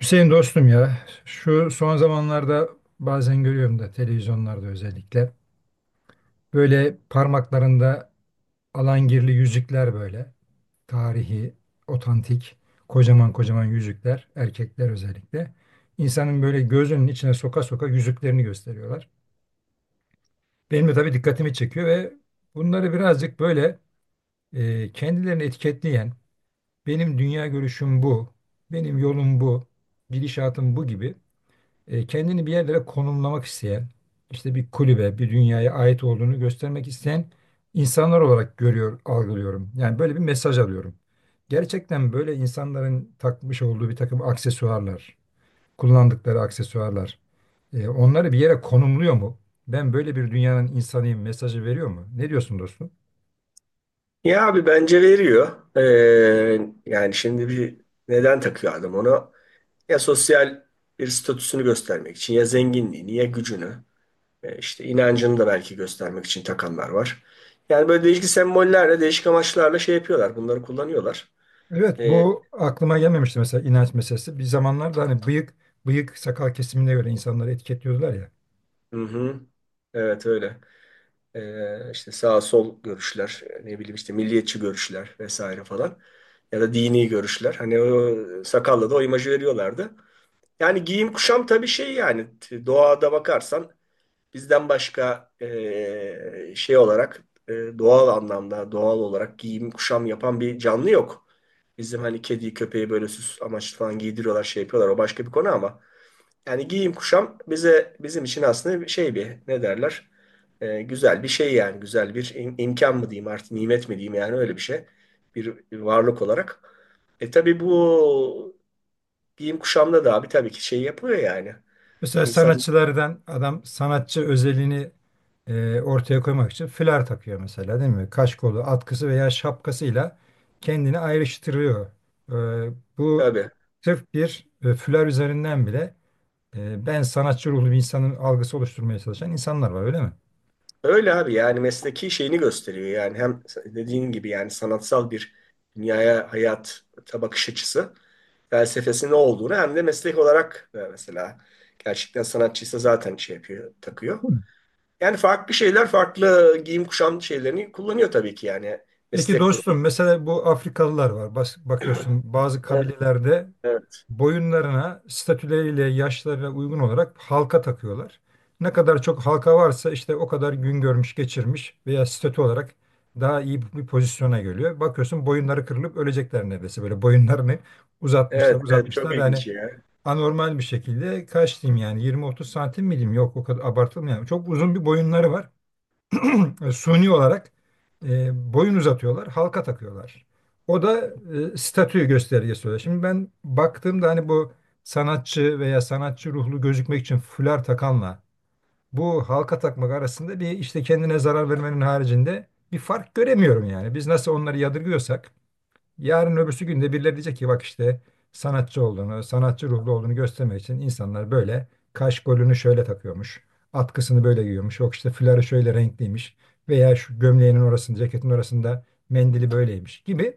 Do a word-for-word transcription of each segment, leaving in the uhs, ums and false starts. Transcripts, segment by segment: Hüseyin dostum ya şu son zamanlarda bazen görüyorum da televizyonlarda özellikle böyle parmaklarında alangirli yüzükler böyle tarihi, otantik, kocaman kocaman yüzükler erkekler özellikle insanın böyle gözünün içine soka soka yüzüklerini gösteriyorlar. Benim de tabii dikkatimi çekiyor ve bunları birazcık böyle e, kendilerini etiketleyen benim dünya görüşüm bu, benim yolum bu, gidişatım bu gibi e, kendini bir yerlere konumlamak isteyen, işte bir kulübe, bir dünyaya ait olduğunu göstermek isteyen insanlar olarak görüyor, algılıyorum. Yani böyle bir mesaj alıyorum. Gerçekten böyle insanların takmış olduğu bir takım aksesuarlar, kullandıkları aksesuarlar, e, onları bir yere konumluyor mu? Ben böyle bir dünyanın insanıyım mesajı veriyor mu? Ne diyorsun dostum? Ya abi bence veriyor. Ee, yani şimdi bir neden takıyor adam onu? Ya sosyal bir statüsünü göstermek için ya zenginliğini ya gücünü, e, işte inancını da belki göstermek için takanlar var. Yani böyle değişik sembollerle değişik amaçlarla şey yapıyorlar, bunları kullanıyorlar. Evet, Ee, bu aklıma gelmemişti mesela inanç meselesi. Bir zamanlarda hani bıyık, bıyık sakal kesimine göre insanları etiketliyordular ya. hı hı. Evet öyle. Ee, işte sağ sol görüşler, ne bileyim işte milliyetçi görüşler vesaire falan ya da dini görüşler. Hani o sakalla da o imajı veriyorlardı. Yani giyim kuşam tabii şey yani t- doğada bakarsan bizden başka eee, şey olarak eee, doğal anlamda doğal olarak giyim kuşam yapan bir canlı yok. Bizim hani kediyi köpeği böyle süs amaçlı falan giydiriyorlar, şey yapıyorlar, o başka bir konu, ama yani giyim kuşam bize, bizim için aslında bir şey, bir ne derler, Eee, güzel bir şey yani, güzel bir im- imkan mı diyeyim artık, nimet mi diyeyim, yani öyle bir şey, bir bir varlık olarak. E tabii bu giyim kuşamda da abi tabii ki şey yapılıyor yani. Mesela İnsanlık sanatçılardan adam sanatçı özelliğini e, ortaya koymak için fular takıyor mesela değil mi? Kaşkolu, atkısı veya şapkasıyla kendini ayrıştırıyor. E, bu abi. sırf bir e, fular üzerinden bile e, ben sanatçı ruhlu bir insanın algısı oluşturmaya çalışan insanlar var öyle mi? Öyle abi, yani mesleki şeyini gösteriyor yani, hem dediğin gibi yani sanatsal bir dünyaya, hayat bakış açısı, felsefesi ne olduğunu, hem de meslek olarak, e, mesela gerçekten sanatçıysa zaten şey yapıyor, takıyor. Yani farklı şeyler, farklı giyim kuşam şeylerini kullanıyor tabii ki yani, Peki meslek grubu. dostum mesela bu Afrikalılar var. Bas- bakıyorsun bazı Evet, kabilelerde evet. boyunlarına, statüleriyle, yaşlarına uygun olarak halka takıyorlar. Ne kadar çok halka varsa işte o kadar gün görmüş, geçirmiş veya statü olarak daha iyi bir pozisyona geliyor. Bakıyorsun boyunları kırılıp ölecekler neredeyse böyle boyunlarını Evet, uzatmışlar, evet, çok uzatmışlar. Yani ilginç ya. anormal bir şekilde kaç diyeyim yani yirmi otuz santim mi diyeyim? Yok o kadar abartılmıyor. Yani çok uzun bir boyunları var e, suni olarak e, boyun uzatıyorlar, halka takıyorlar. O da e, statü göstergesi oluyor. Şimdi ben baktığımda hani bu sanatçı veya sanatçı ruhlu gözükmek için fular takanla bu halka takmak arasında bir işte kendine zarar vermenin haricinde bir fark göremiyorum yani. Biz nasıl onları yadırgıyorsak yarın öbürsü günde birileri diyecek ki bak işte sanatçı olduğunu, sanatçı ruhlu olduğunu göstermek için insanlar böyle kaş golünü şöyle takıyormuş. Atkısını böyle giyiyormuş. Yok işte fuları şöyle renkliymiş. Veya şu gömleğinin orasında, ceketin orasında mendili böyleymiş gibi.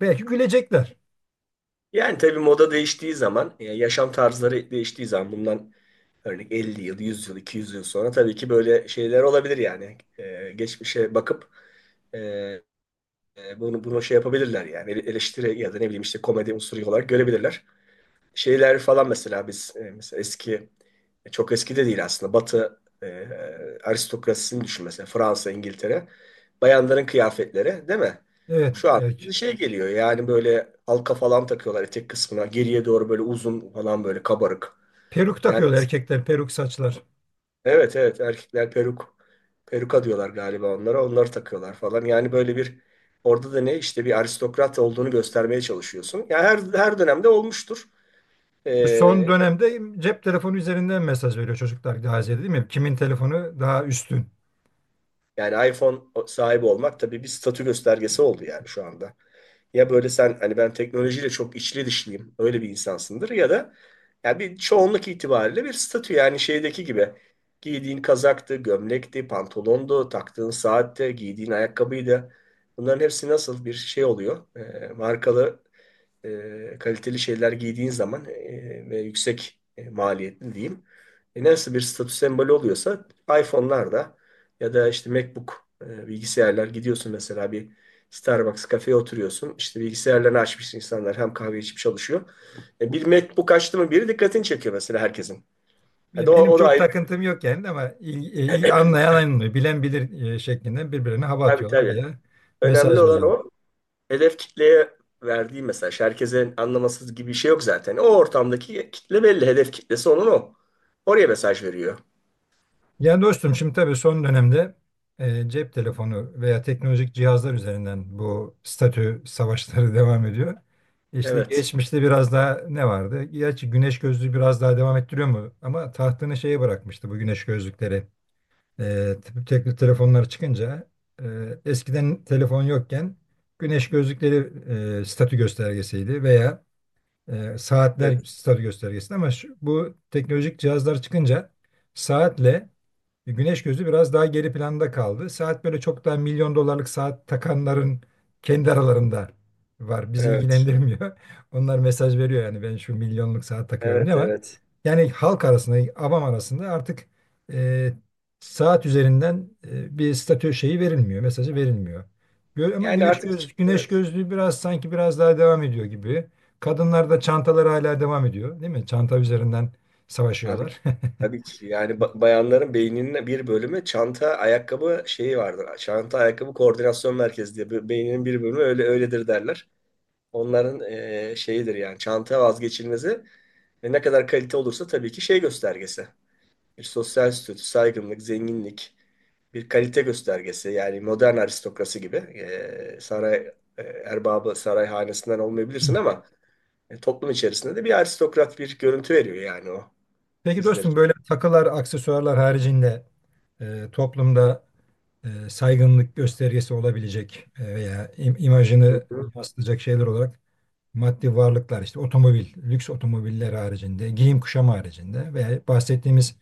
Belki gülecekler. Yani tabii moda değiştiği zaman, e, yaşam tarzları değiştiği zaman bundan, örneğin elli yıl, yüz yıl, iki yüz yıl sonra tabii ki böyle şeyler olabilir yani. Ee, geçmişe bakıp e, e, bunu bunu şey yapabilirler yani. Ele- Eleştiri ya da ne bileyim işte komedi unsuru olarak görebilirler. Şeyler falan, mesela biz e, mesela eski, e, çok eski de değil aslında. Batı e, aristokrasisini düşün mesela, Fransa, İngiltere. Bayanların kıyafetleri değil mi? Evet, Şu an bize erkek. şey geliyor yani, böyle halka falan takıyorlar etek kısmına. Geriye doğru böyle uzun falan, böyle kabarık. Peruk Yani takıyorlar erkekler, peruk saçlar. Evet evet, erkekler peruk peruka diyorlar galiba onlara, onları takıyorlar falan yani, böyle bir, orada da ne, işte bir aristokrat olduğunu göstermeye çalışıyorsun. Yani her her dönemde olmuştur. Son Ee, dönemde cep telefonu üzerinden mesaj veriyor çocuklar Gazi'ye değil mi? Kimin telefonu daha üstün? Yani iPhone sahibi olmak tabii bir statü göstergesi oldu yani şu anda. Ya böyle sen hani, ben teknolojiyle çok içli dışlıyım, öyle bir insansındır, ya da ya bir çoğunluk itibariyle bir statü, yani şeydeki gibi. Giydiğin kazaktı, gömlekti, pantolondu, taktığın saatte, giydiğin ayakkabıydı. Bunların hepsi nasıl bir şey oluyor? Ee, markalı, e, kaliteli şeyler giydiğin zaman, e, ve yüksek e, maliyetli diyeyim. E, nasıl bir statü sembolü oluyorsa iPhone'lar da, ya da işte MacBook, e, bilgisayarlar, gidiyorsun mesela bir Starbucks kafeye oturuyorsun. İşte bilgisayarlarını açmış insanlar hem kahve içip çalışıyor. E, bir MacBook açtı mı biri, dikkatini çekiyor mesela herkesin. Ya Ve da o, benim o da çok ayrı bir, takıntım yok yani ama il- e, anlayan anlıyor, bilen bilir e, şeklinde birbirine hava tabii atıyorlar tabii. veya Önemli mesaj olan veriyorlar. o hedef kitleye verdiği mesaj. Herkesin anlaması gibi bir şey yok zaten. O ortamdaki kitle belli. Hedef kitlesi onun o. Oraya mesaj veriyor. Yani dostum şimdi tabii son dönemde e, cep telefonu veya teknolojik cihazlar üzerinden bu statü savaşları devam ediyor. İşte Evet. geçmişte biraz daha ne vardı? Gerçi güneş gözlüğü biraz daha devam ettiriyor mu? Ama tahtını şeye bırakmıştı bu güneş gözlükleri. E, tip- tekli telefonlar çıkınca e, eskiden telefon yokken güneş gözlükleri e, statü göstergesiydi veya e, saatler Evet. statü göstergesiydi ama şu, bu teknolojik cihazlar çıkınca saatle e, güneş gözü biraz daha geri planda kaldı. Saat böyle çok daha milyon dolarlık saat takanların kendi aralarında var. Bizi Evet. ilgilendirmiyor. Onlar mesaj veriyor yani ben şu milyonluk saat takıyorum diye Evet. ama Evet. yani halk arasında, avam arasında artık e, saat üzerinden e, bir statü şeyi verilmiyor, mesajı verilmiyor. Gö- ama Yani güneş artık göz güneş evet. gözlüğü biraz sanki biraz daha devam ediyor gibi. Kadınlar da çantaları hala devam ediyor, değil mi? Çanta üzerinden Abi savaşıyorlar. tabii ki yani, ba- bayanların beyninin bir bölümü çanta ayakkabı şeyi vardır. Çanta ayakkabı koordinasyon merkezi diye, Be- beyninin bir bölümü öyle öyledir derler. Onların eee, şeyidir yani, çanta vazgeçilmezi, ve ne kadar kalite olursa tabii ki şey göstergesi. Bir sosyal statü, saygınlık, zenginlik, bir kalite göstergesi. Yani modern aristokrasi gibi, eee, saray eee, erbabı, saray hanesinden olmayabilirsin ama e, toplum içerisinde de bir aristokrat bir görüntü veriyor yani o Peki bizler dostum böyle takılar, aksesuarlar haricinde e, toplumda e, saygınlık göstergesi olabilecek e, veya im- imajını için. yansıtacak şeyler olarak maddi varlıklar işte otomobil, lüks otomobiller haricinde, giyim kuşam haricinde veya bahsettiğimiz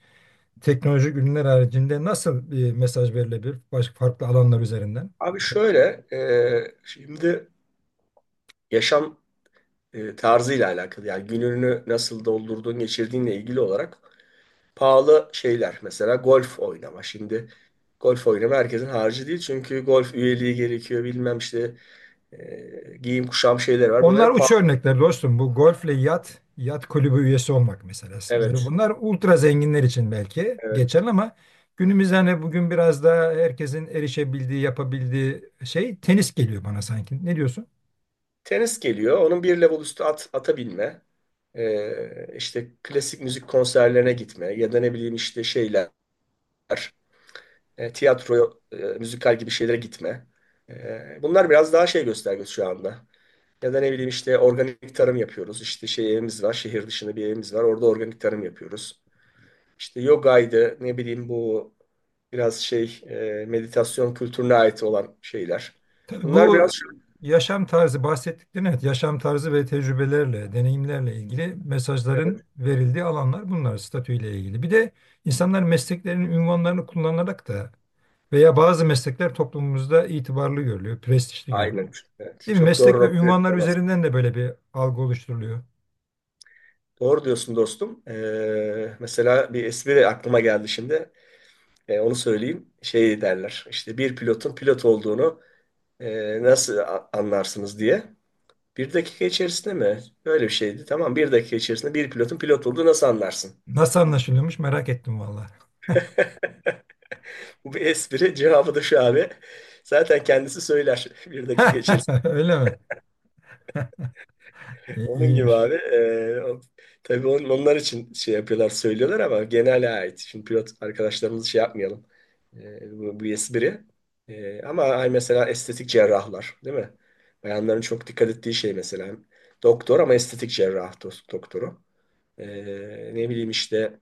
teknolojik ürünler haricinde nasıl bir mesaj verilebilir başka farklı alanlar üzerinden? Abi şöyle, e, şimdi yaşam e, tarzıyla alakalı yani, gününü nasıl doldurduğun, geçirdiğinle ilgili olarak pahalı şeyler. Mesela golf oynama. Şimdi golf oynama herkesin harcı değil, çünkü golf üyeliği gerekiyor, bilmem işte e, giyim kuşam şeyler var. Onlar Bunları pahalı. uç örnekler dostum. Bu golfle yat, yat kulübü üyesi olmak mesela. Böyle Evet, bunlar ultra zenginler için belki evet. geçerli ama günümüzde hani bugün biraz daha herkesin erişebildiği, yapabildiği şey tenis geliyor bana sanki. Ne diyorsun? Tenis geliyor. Onun bir level üstü at, ata binme. E, işte klasik müzik konserlerine gitme, ya da ne bileyim işte şeyler, e, tiyatro, e, müzikal gibi şeylere gitme. E, bunlar biraz daha şey göstergesi şu anda. Ya da ne bileyim işte, organik tarım yapıyoruz. İşte şey evimiz var, şehir dışında bir evimiz var. Orada organik tarım yapıyoruz. İşte yogaydı, ne bileyim bu, biraz şey, e, meditasyon kültürüne ait olan şeyler. Tabii Bunlar bu biraz şu- yaşam tarzı bahsettiklerin, evet, yaşam tarzı ve tecrübelerle, deneyimlerle ilgili mesajların verildiği alanlar bunlar statüyle ilgili. Bir de insanlar mesleklerinin ünvanlarını kullanarak da veya bazı meslekler toplumumuzda itibarlı görülüyor, prestijli görülüyor. aynen. Evet, Değil mi? çok doğru Meslek ve noktaya ünvanlar temas. üzerinden de böyle bir algı oluşturuluyor. Doğru diyorsun dostum. E, mesela bir espri aklıma geldi şimdi. E, onu söyleyeyim. Şey derler. İşte bir pilotun pilot olduğunu e, nasıl a- anlarsınız diye. Bir dakika içerisinde mi? Böyle bir şeydi. Tamam, bir dakika içerisinde bir pilotun pilot olduğu nasıl anlarsın? Nasıl anlaşılıyormuş merak ettim vallahi. Bu bir espri. Cevabı da şu abi. Zaten kendisi söyler bir dakika içerisinde. Öyle mi? İyi- Onun gibi İyiymiş. abi. E, o- tabii on, onlar için şey yapıyorlar, söylüyorlar ama genele ait. Şimdi pilot arkadaşlarımızı şey yapmayalım. E, bu bir espri. E, ama ay, mesela estetik cerrahlar, değil mi? Bayanların çok dikkat ettiği şey mesela. Doktor, ama estetik cerrah do- doktoru. Ee, ne bileyim işte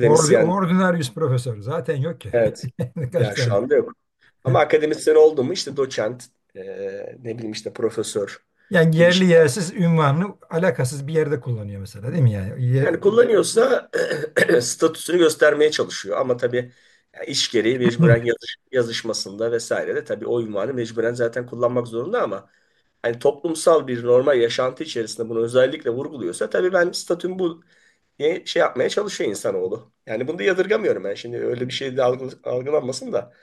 Or Ordinarius profesör zaten yok ki. Evet. Kaç Ya şu tane. anda yok. Ama akademisyen oldu mu, işte doçent, e, ne bileyim işte profesör Yani gibi yerli şey. yersiz ünvanını alakasız bir yerde kullanıyor mesela değil mi yani? Ye- Yani kullanıyorsa statüsünü göstermeye çalışıyor. Ama tabii yani iş gereği mecburen, yazış, yazışmasında vesaire de tabii o ünvanı mecburen zaten kullanmak zorunda, ama hani toplumsal bir normal yaşantı içerisinde bunu özellikle vurguluyorsa tabii, ben statüm bu diye şey yapmaya çalışıyor insanoğlu. Yani bunu da yadırgamıyorum ben. Şimdi öyle bir şey de algı- algılanmasın da.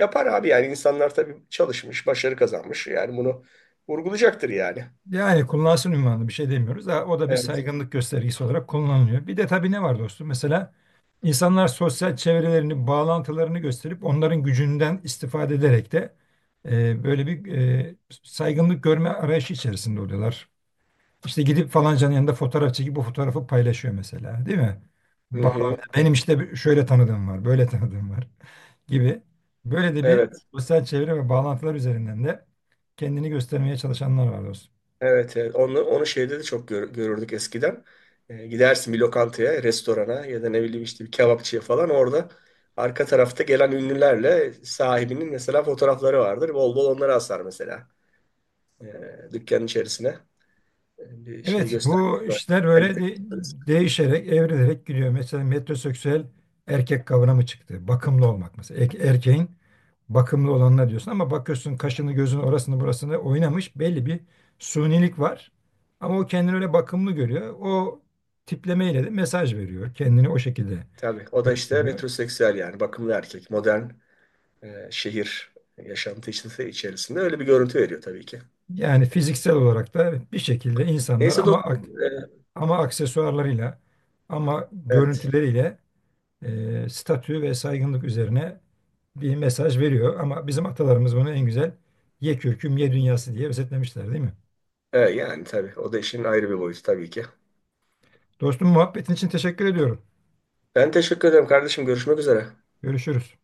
Yapar abi yani, insanlar tabii çalışmış, başarı kazanmış. Yani bunu vurgulayacaktır yani. Yani kullansın ünvanını bir şey demiyoruz. Ha, o da bir Evet. saygınlık göstergesi olarak kullanılıyor. Bir de tabii ne var dostum? Mesela insanlar sosyal çevrelerini, bağlantılarını gösterip onların gücünden istifade ederek de E, böyle bir e, saygınlık görme arayışı içerisinde oluyorlar. İşte gidip falancanın yanında fotoğraf çekip bu fotoğrafı paylaşıyor mesela, değil mi? Hı hı. Bağlanıyor. Benim işte bir- şöyle tanıdığım var, böyle tanıdığım var gibi. Böyle de bir Evet. sosyal çevre ve bağlantılar üzerinden de kendini göstermeye çalışanlar var dostum. Evet. Evet. Onu, onu şeyde de çok gör- görürdük eskiden. Ee, gidersin bir lokantaya, restorana ya da ne bileyim işte bir kebapçıya falan, orada arka tarafta gelen ünlülerle sahibinin mesela fotoğrafları vardır. Bol bol onları asar mesela. Ee, dükkanın içerisine. Bir şey Evet, bu göstergesi var. işler böyle Kalite de- göstergesi. değişerek, evrilerek gidiyor. Mesela metroseksüel erkek kavramı çıktı. Bakımlı olmak mesela. Erke- erkeğin bakımlı olanına diyorsun ama bakıyorsun kaşını gözünü orasını burasını oynamış belli bir sunilik var. Ama o kendini öyle bakımlı görüyor. O tiplemeyle de mesaj veriyor. Kendini o şekilde Tabii. O da işte gösteriyor. metroseksüel yani bakımlı erkek. Modern e, şehir yaşantısı içerisinde öyle bir görüntü veriyor tabii ki. Yani fiziksel olarak da bir şekilde insanlar Neyse ama dostum. ak- e, ama aksesuarlarıyla ama Evet. görüntüleriyle e, statü ve saygınlık üzerine bir mesaj veriyor. Ama bizim atalarımız bunu en güzel ye kürküm ye dünyası diye özetlemişler değil mi? E, yani tabii. O da işin ayrı bir boyutu tabii ki. Dostum muhabbetin için teşekkür ediyorum. Ben teşekkür ederim kardeşim. Görüşmek üzere. Görüşürüz.